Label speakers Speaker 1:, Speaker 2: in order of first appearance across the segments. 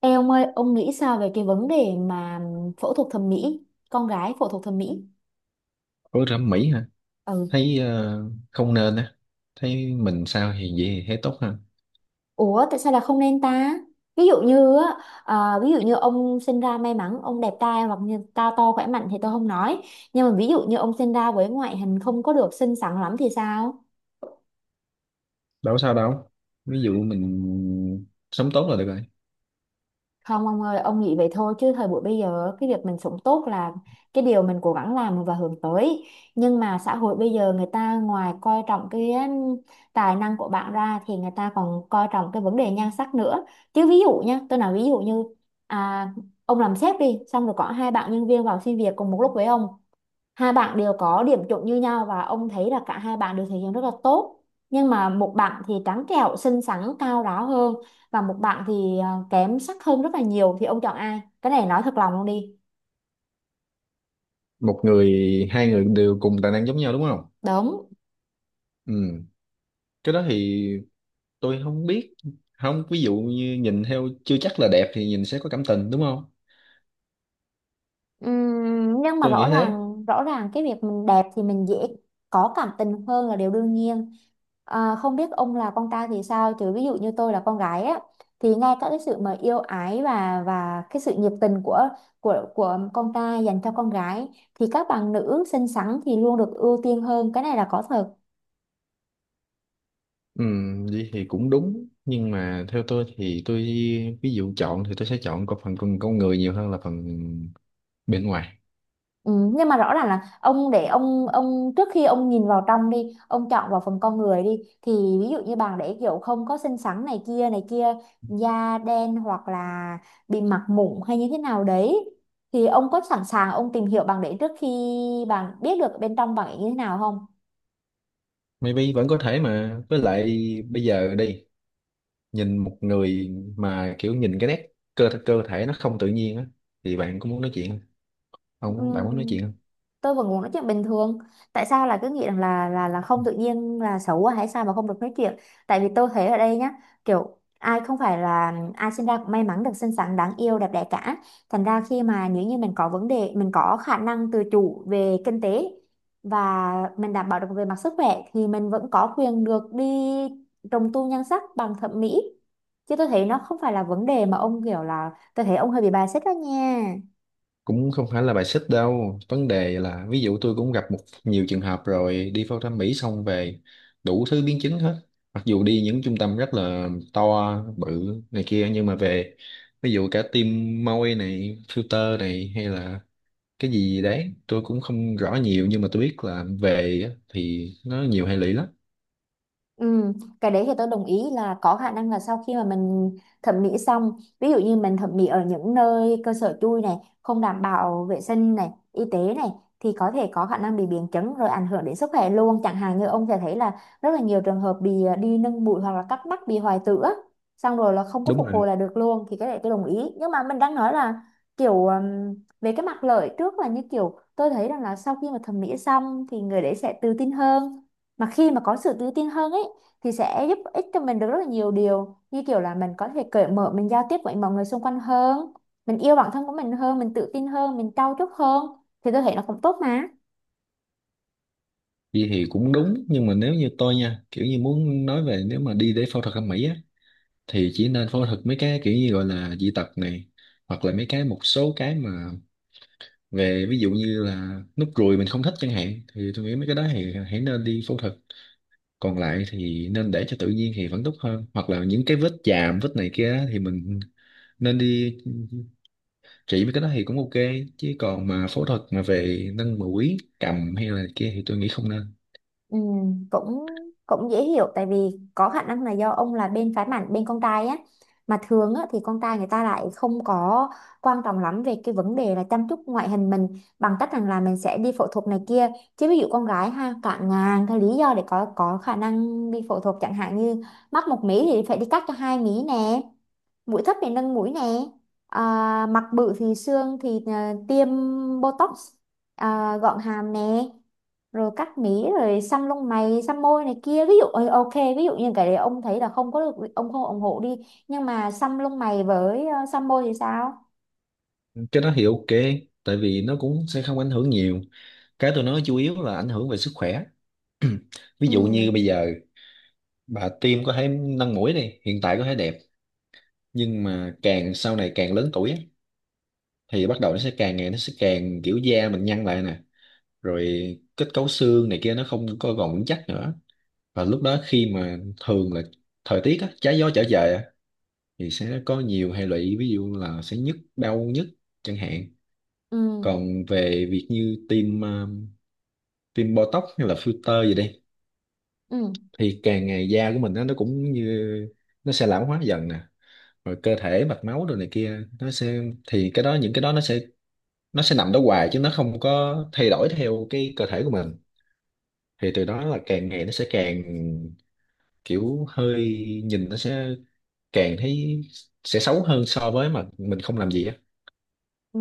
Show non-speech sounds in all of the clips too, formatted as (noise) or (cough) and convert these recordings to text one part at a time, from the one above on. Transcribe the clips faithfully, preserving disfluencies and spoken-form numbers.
Speaker 1: Ê ông ơi, ông nghĩ sao về cái vấn đề mà phẫu thuật thẩm mỹ, con gái phẫu thuật thẩm mỹ?
Speaker 2: Ủa thẩm mỹ hả?
Speaker 1: Ừ.
Speaker 2: Thấy ờ, không nên á. Thấy mình sao thì vậy thì thấy tốt ha.
Speaker 1: Ủa tại sao là không nên ta? Ví dụ như á, à, ví dụ như ông sinh ra may mắn ông đẹp trai hoặc như cao to khỏe mạnh thì tôi không nói. Nhưng mà ví dụ như ông sinh ra với ngoại hình không có được xinh xắn lắm thì sao?
Speaker 2: Đâu có sao đâu. Ví dụ mình sống tốt là được rồi.
Speaker 1: Không ông ơi, ông nghĩ vậy thôi chứ thời buổi bây giờ cái việc mình sống tốt là cái điều mình cố gắng làm và hướng tới. Nhưng mà xã hội bây giờ người ta ngoài coi trọng cái um, tài năng của bạn ra thì người ta còn coi trọng cái vấn đề nhan sắc nữa. Chứ ví dụ nha, tôi nói ví dụ như à, ông làm sếp đi, xong rồi có hai bạn nhân viên vào xin việc cùng một lúc với ông, hai bạn đều có điểm chuẩn như nhau và ông thấy là cả hai bạn đều thể hiện rất là tốt, nhưng mà một bạn thì trắng trẻo xinh xắn cao ráo hơn và một bạn thì à, kém sắc hơn rất là nhiều, thì ông chọn ai? Cái này nói thật lòng luôn đi.
Speaker 2: Một người, hai người đều cùng tài năng giống nhau đúng không?
Speaker 1: Đúng.
Speaker 2: Ừ. Cái đó thì tôi không biết. Không, ví dụ như nhìn theo chưa chắc là đẹp thì nhìn sẽ có cảm tình đúng không?
Speaker 1: Ừm, nhưng mà
Speaker 2: Tôi
Speaker 1: rõ
Speaker 2: nghĩ thế.
Speaker 1: ràng rõ ràng cái việc mình đẹp thì mình dễ có cảm tình hơn là điều đương nhiên. à, không biết ông là con trai thì sao, chứ ví dụ như tôi là con gái á, thì ngay cả cái sự mà yêu ái và và cái sự nhiệt tình của của của con trai dành cho con gái thì các bạn nữ xinh xắn thì luôn được ưu tiên hơn, cái này là có thật.
Speaker 2: Ừ, vậy thì cũng đúng. Nhưng mà theo tôi thì tôi ví dụ chọn thì tôi sẽ chọn có phần con con người nhiều hơn là phần bên ngoài.
Speaker 1: Ừ, nhưng mà rõ ràng là ông để ông ông trước khi ông nhìn vào trong đi, ông chọn vào phần con người đi, thì ví dụ như bạn để kiểu không có xinh xắn này kia này kia, da đen hoặc là bị mặt mụn hay như thế nào đấy, thì ông có sẵn sàng ông tìm hiểu bạn để trước khi bạn biết được bên trong bạn ấy như thế nào không?
Speaker 2: Maybe vẫn có thể mà với lại bây giờ đi nhìn một người mà kiểu nhìn cái nét cơ cơ thể nó không tự nhiên á thì bạn có muốn nói chuyện không? Không, bạn muốn nói
Speaker 1: Ừm,
Speaker 2: chuyện không?
Speaker 1: tôi vẫn muốn nói chuyện bình thường. Tại sao là cứ nghĩ rằng là là là không tự nhiên là xấu quá hay sao mà không được nói chuyện? Tại vì tôi thấy ở đây nhá, kiểu ai không phải là ai sinh ra cũng may mắn được xinh xắn đáng yêu đẹp đẽ cả, thành ra khi mà nếu như mình có vấn đề, mình có khả năng tự chủ về kinh tế và mình đảm bảo được về mặt sức khỏe thì mình vẫn có quyền được đi trùng tu nhan sắc bằng thẩm mỹ. Chứ tôi thấy nó không phải là vấn đề mà ông kiểu là, tôi thấy ông hơi bị bias đó nha.
Speaker 2: Cũng không phải là bài xích đâu. Vấn đề là ví dụ tôi cũng gặp một nhiều trường hợp rồi đi phẫu thuật thẩm Mỹ xong về đủ thứ biến chứng hết. Mặc dù đi những trung tâm rất là to bự này kia nhưng mà về ví dụ cả tim môi này, filter này hay là cái gì đấy tôi cũng không rõ nhiều nhưng mà tôi biết là về á, thì nó nhiều hệ lụy lắm.
Speaker 1: Ừ, cái đấy thì tôi đồng ý là có khả năng là sau khi mà mình thẩm mỹ xong, ví dụ như mình thẩm mỹ ở những nơi cơ sở chui này, không đảm bảo vệ sinh này y tế này, thì có thể có khả năng bị biến chứng rồi ảnh hưởng đến sức khỏe luôn, chẳng hạn như ông sẽ thấy là rất là nhiều trường hợp bị à, đi nâng bụi hoặc là cắt mắt bị hoại tử á, xong rồi là không có
Speaker 2: Đúng
Speaker 1: phục
Speaker 2: rồi.
Speaker 1: hồi là được luôn, thì cái đấy tôi đồng ý. Nhưng mà mình đang nói là kiểu ừm, về cái mặt lợi trước, là như kiểu tôi thấy rằng là sau khi mà thẩm mỹ xong thì người đấy sẽ tự tin hơn, mà khi mà có sự tự tin hơn ấy thì sẽ giúp ích cho mình được rất là nhiều điều, như kiểu là mình có thể cởi mở, mình giao tiếp với mọi người xung quanh hơn, mình yêu bản thân của mình hơn, mình tự tin hơn, mình trau chuốt hơn, thì tôi thấy nó cũng tốt mà.
Speaker 2: Đi thì cũng đúng nhưng mà nếu như tôi nha kiểu như muốn nói về nếu mà đi để phẫu thuật thẩm mỹ á thì chỉ nên phẫu thuật mấy cái kiểu như gọi là dị tật này hoặc là mấy cái một số cái mà về ví dụ như là nút ruồi mình không thích chẳng hạn thì tôi nghĩ mấy cái đó thì hãy nên đi phẫu thuật, còn lại thì nên để cho tự nhiên thì vẫn tốt hơn, hoặc là những cái vết chàm vết này kia á, thì mình nên đi trị mấy cái đó thì cũng ok, chứ còn mà phẫu thuật mà về nâng mũi cầm hay là kia thì tôi nghĩ không nên.
Speaker 1: Ừ, cũng cũng dễ hiểu, tại vì có khả năng là do ông là bên phái bản bên con trai á, mà thường á, thì con trai người ta lại không có quan trọng lắm về cái vấn đề là chăm chút ngoại hình mình bằng cách rằng là mình sẽ đi phẫu thuật này kia. Chứ ví dụ con gái ha cạn ngàn cái lý do để có có khả năng đi phẫu thuật, chẳng hạn như mắt một mí thì phải đi cắt cho hai mí nè, mũi thấp thì nâng mũi nè, à, mặt bự thì xương thì à, tiêm botox, à, gọn hàm nè, rồi cắt mí, rồi xăm lông mày xăm môi này kia. Ví dụ ờ, ok, ví dụ như cái đấy ông thấy là không có được ông không ủng hộ đi, nhưng mà xăm lông mày với ờ, xăm môi thì sao?
Speaker 2: Cái đó thì ok tại vì nó cũng sẽ không ảnh hưởng nhiều. Cái tôi nói chủ yếu là ảnh hưởng về sức khỏe. (clears throat) Ví
Speaker 1: Ừ.
Speaker 2: dụ như bây giờ bà tiêm có thể nâng mũi đi, hiện tại có thể đẹp nhưng mà càng sau này càng lớn tuổi á, thì bắt đầu nó sẽ càng ngày nó sẽ càng kiểu da mình nhăn lại nè, rồi kết cấu xương này kia nó không có còn vững chắc nữa. Và lúc đó khi mà thường là thời tiết á, trái gió trở về thì sẽ có nhiều hệ lụy, ví dụ là sẽ nhức đau nhức chẳng hạn.
Speaker 1: Ừ.
Speaker 2: Còn về việc như tiêm ờ, tiêm Botox hay là filter gì đi
Speaker 1: Ừ.
Speaker 2: thì càng ngày da của mình nó nó cũng như nó sẽ lão hóa dần nè, rồi cơ thể mạch máu đồ này kia nó sẽ, thì cái đó những cái đó nó sẽ, nó sẽ nằm đó hoài chứ nó không có thay đổi theo cái cơ thể của mình. Thì từ đó là càng ngày nó sẽ càng kiểu hơi nhìn nó sẽ càng thấy sẽ xấu hơn so với mà mình không làm gì á.
Speaker 1: Ừ,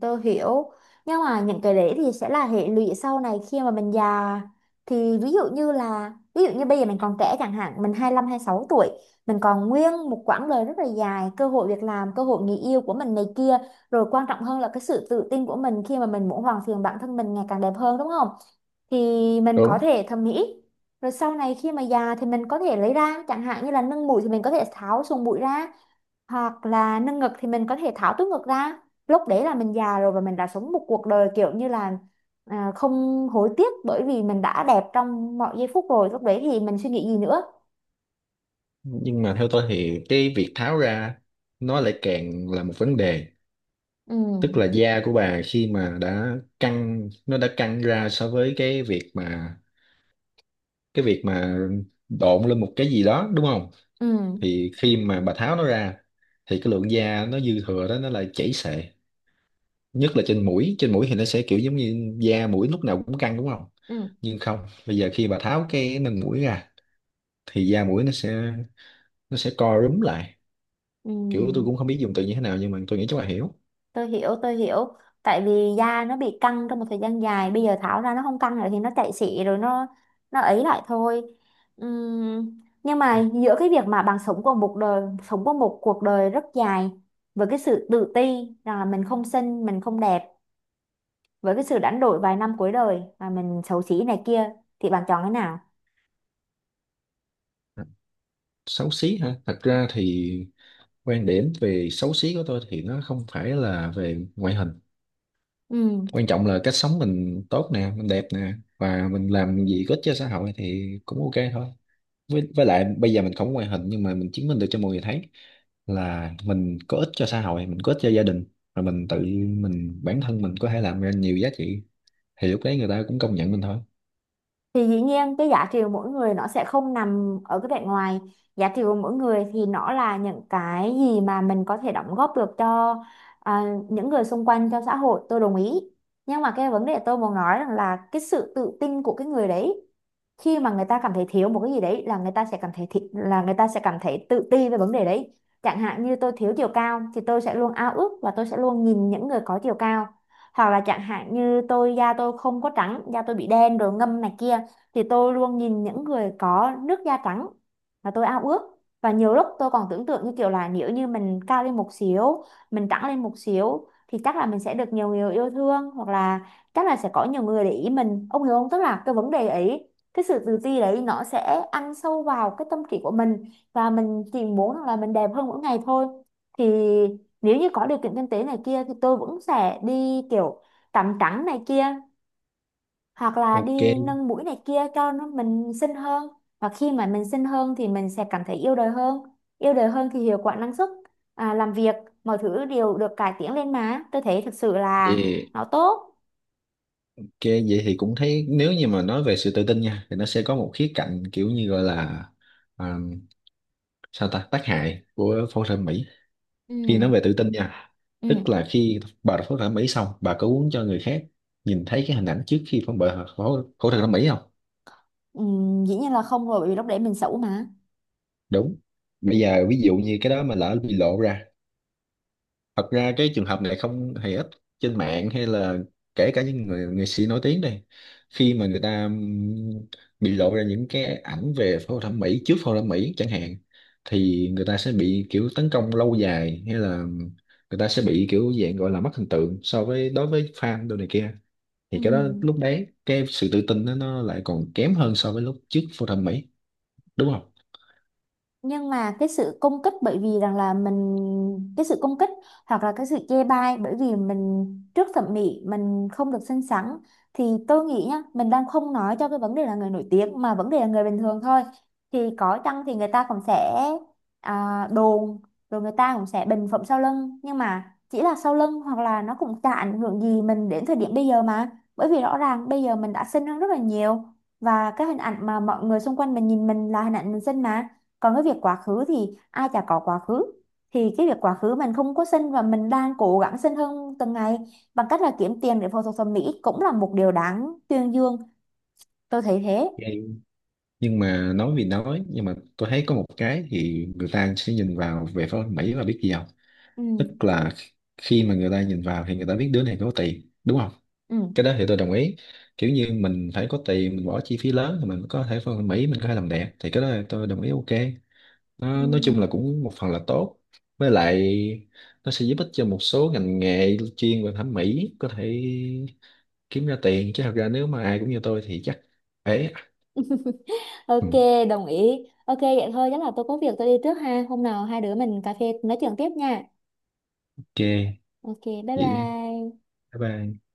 Speaker 1: tôi hiểu, nhưng mà những cái đấy thì sẽ là hệ lụy sau này khi mà mình già. Thì ví dụ như là, ví dụ như bây giờ mình còn trẻ, chẳng hạn mình hai lăm sáu tuổi, mình còn nguyên một quãng đời rất là dài, cơ hội việc làm, cơ hội người yêu của mình này kia, rồi quan trọng hơn là cái sự tự tin của mình khi mà mình muốn hoàn thiện bản thân mình ngày càng đẹp hơn, đúng không? Thì mình có
Speaker 2: Đúng.
Speaker 1: thể thẩm mỹ, rồi sau này khi mà già thì mình có thể lấy ra, chẳng hạn như là nâng mũi thì mình có thể tháo sùng mũi ra, hoặc là nâng ngực thì mình có thể tháo túi ngực ra. Lúc đấy là mình già rồi và mình đã sống một cuộc đời kiểu như là à, không hối tiếc, bởi vì mình đã đẹp trong mọi giây phút rồi, lúc đấy thì mình suy nghĩ gì nữa?
Speaker 2: Nhưng mà theo tôi thì cái việc tháo ra nó lại càng là một vấn đề,
Speaker 1: Ừ.
Speaker 2: tức là da của bà khi mà đã căng nó đã căng ra so với cái việc mà cái việc mà độn lên một cái gì đó đúng không,
Speaker 1: Ừ.
Speaker 2: thì khi mà bà tháo nó ra thì cái lượng da nó dư thừa đó nó lại chảy xệ, nhất là trên mũi trên mũi thì nó sẽ kiểu giống như da mũi lúc nào cũng căng đúng không,
Speaker 1: Ừ.
Speaker 2: nhưng không bây giờ khi bà tháo cái nền mũi ra thì da mũi nó sẽ, nó sẽ co rúm lại,
Speaker 1: Ừ.
Speaker 2: kiểu tôi cũng không biết dùng từ như thế nào nhưng mà tôi nghĩ chắc bà hiểu.
Speaker 1: Tôi hiểu, tôi hiểu. Tại vì da nó bị căng trong một thời gian dài, bây giờ tháo ra nó không căng nữa thì nó chạy xị rồi, nó nó ấy lại thôi. Ừm, nhưng mà giữa cái việc mà bạn sống qua một đời, sống qua một cuộc đời rất dài với cái sự tự ti rằng là mình không xinh mình không đẹp, với cái sự đánh đổi vài năm cuối đời mà mình xấu xí này kia, thì bạn chọn cái nào?
Speaker 2: Xấu xí hả? Thật ra thì quan điểm về xấu xí của tôi thì nó không phải là về ngoại hình.
Speaker 1: Ừ.
Speaker 2: Quan trọng là cách sống mình tốt nè, mình đẹp nè và mình làm gì có ích cho xã hội thì cũng ok thôi. với, với lại bây giờ mình không có ngoại hình nhưng mà mình chứng minh được cho mọi người thấy là mình có ích cho xã hội, mình có ích cho gia đình, và mình tự mình bản thân mình có thể làm ra nhiều giá trị thì lúc đấy người ta cũng công nhận mình thôi.
Speaker 1: Thì dĩ nhiên cái giá trị của mỗi người nó sẽ không nằm ở cái vẻ ngoài, giá trị của mỗi người thì nó là những cái gì mà mình có thể đóng góp được cho à, những người xung quanh cho xã hội, tôi đồng ý. Nhưng mà cái vấn đề tôi muốn nói rằng là cái sự tự tin của cái người đấy, khi mà người ta cảm thấy thiếu một cái gì đấy là người ta sẽ cảm thấy thi, là người ta sẽ cảm thấy tự ti về vấn đề đấy. Chẳng hạn như tôi thiếu chiều cao thì tôi sẽ luôn ao ước và tôi sẽ luôn nhìn những người có chiều cao, hoặc là chẳng hạn như tôi da tôi không có trắng, da tôi bị đen rồi ngâm này kia, thì tôi luôn nhìn những người có nước da trắng và tôi ao ước. Và nhiều lúc tôi còn tưởng tượng như kiểu là, nếu như mình cao lên một xíu, mình trắng lên một xíu, thì chắc là mình sẽ được nhiều người yêu thương, hoặc là chắc là sẽ có nhiều người để ý mình, ông hiểu không? Tức là cái vấn đề ấy, cái sự tự ti đấy nó sẽ ăn sâu vào cái tâm trí của mình, và mình chỉ muốn rằng là mình đẹp hơn mỗi ngày thôi. Thì nếu như có điều kiện kinh tế này kia thì tôi vẫn sẽ đi kiểu tắm trắng này kia hoặc là
Speaker 2: Ok.
Speaker 1: đi nâng mũi này kia cho nó mình xinh hơn. Và khi mà mình xinh hơn thì mình sẽ cảm thấy yêu đời hơn, yêu đời hơn thì hiệu quả năng suất à, làm việc, mọi thứ đều được cải tiến lên, mà tôi thấy thực sự là
Speaker 2: Vậy.
Speaker 1: nó tốt.
Speaker 2: Ok, vậy thì cũng thấy nếu như mà nói về sự tự tin nha thì nó sẽ có một khía cạnh kiểu như gọi là à, sao ta tác hại của phẫu thuật thẩm mỹ khi nói về
Speaker 1: Ừ.
Speaker 2: tự tin nha,
Speaker 1: Ừ.
Speaker 2: tức là khi bà phẫu thuật thẩm mỹ xong bà có muốn cho người khác nhìn thấy cái hình ảnh trước khi phẫu bà phẫu phẫu thuật thẩm mỹ không.
Speaker 1: Ừ. Dĩ nhiên là không rồi, bởi vì lúc đấy mình xấu mà.
Speaker 2: Đúng. Bây giờ ví dụ như cái đó mà lỡ bị lộ ra, thật ra cái trường hợp này không hề ít, trên mạng hay là kể cả những người nghệ sĩ nổi tiếng đây, khi mà người ta ừm, bị lộ ra những cái ảnh về phẫu thuật thẩm mỹ trước phẫu thuật thẩm mỹ chẳng hạn thì người ta sẽ bị kiểu tấn công lâu dài, hay là người ta sẽ bị kiểu dạng gọi là mất hình tượng so với đối với fan đồ này kia, thì cái đó
Speaker 1: Ừ.
Speaker 2: lúc đấy cái sự tự tin đó, nó lại còn kém hơn so với lúc trước phẫu thuật thẩm mỹ đúng không.
Speaker 1: Nhưng mà cái sự công kích bởi vì rằng là mình, cái sự công kích hoặc là cái sự chê bai bởi vì mình trước thẩm mỹ mình không được xinh xắn, thì tôi nghĩ nhá, mình đang không nói cho cái vấn đề là người nổi tiếng mà vấn đề là người bình thường thôi, thì có chăng thì người ta cũng sẽ à, đồn, rồi người ta cũng sẽ bình phẩm sau lưng, nhưng mà chỉ là sau lưng hoặc là nó cũng chả ảnh hưởng gì mình đến thời điểm bây giờ mà, bởi vì rõ ràng bây giờ mình đã xinh hơn rất là nhiều và cái hình ảnh mà mọi người xung quanh mình nhìn mình là hình ảnh mình xinh mà. Còn cái việc quá khứ thì ai chả có quá khứ, thì cái việc quá khứ mình không có xin và mình đang cố gắng xin hơn từng ngày bằng cách là kiếm tiền để phẫu thuật thẩm mỹ cũng là một điều đáng tuyên dương, tôi thấy thế.
Speaker 2: Nhưng mà nói vì nói nhưng mà tôi thấy có một cái thì người ta sẽ nhìn vào về phía Mỹ là biết gì không,
Speaker 1: Ừ.
Speaker 2: tức là khi mà người ta nhìn vào thì người ta biết đứa này có tiền đúng không.
Speaker 1: Ừ.
Speaker 2: Cái đó thì tôi đồng ý. Kiểu như mình phải có tiền mình bỏ chi phí lớn thì mình có thể phân Mỹ mình có thể làm đẹp thì cái đó là tôi đồng ý, ok.
Speaker 1: Ừ.
Speaker 2: Nó, nói chung là cũng một phần là tốt. Với lại nó sẽ giúp ích cho một số ngành nghề chuyên về thẩm mỹ có thể kiếm ra tiền, chứ thật ra nếu mà ai cũng như tôi thì chắc ế. Ừ,
Speaker 1: Ok, đồng ý. Ok, vậy thôi, chắc là tôi có việc tôi đi trước ha. Hôm nào hai đứa mình cà phê nói chuyện tiếp nha.
Speaker 2: ok.
Speaker 1: Ok, bye
Speaker 2: Vậy.
Speaker 1: bye.
Speaker 2: Bye bye.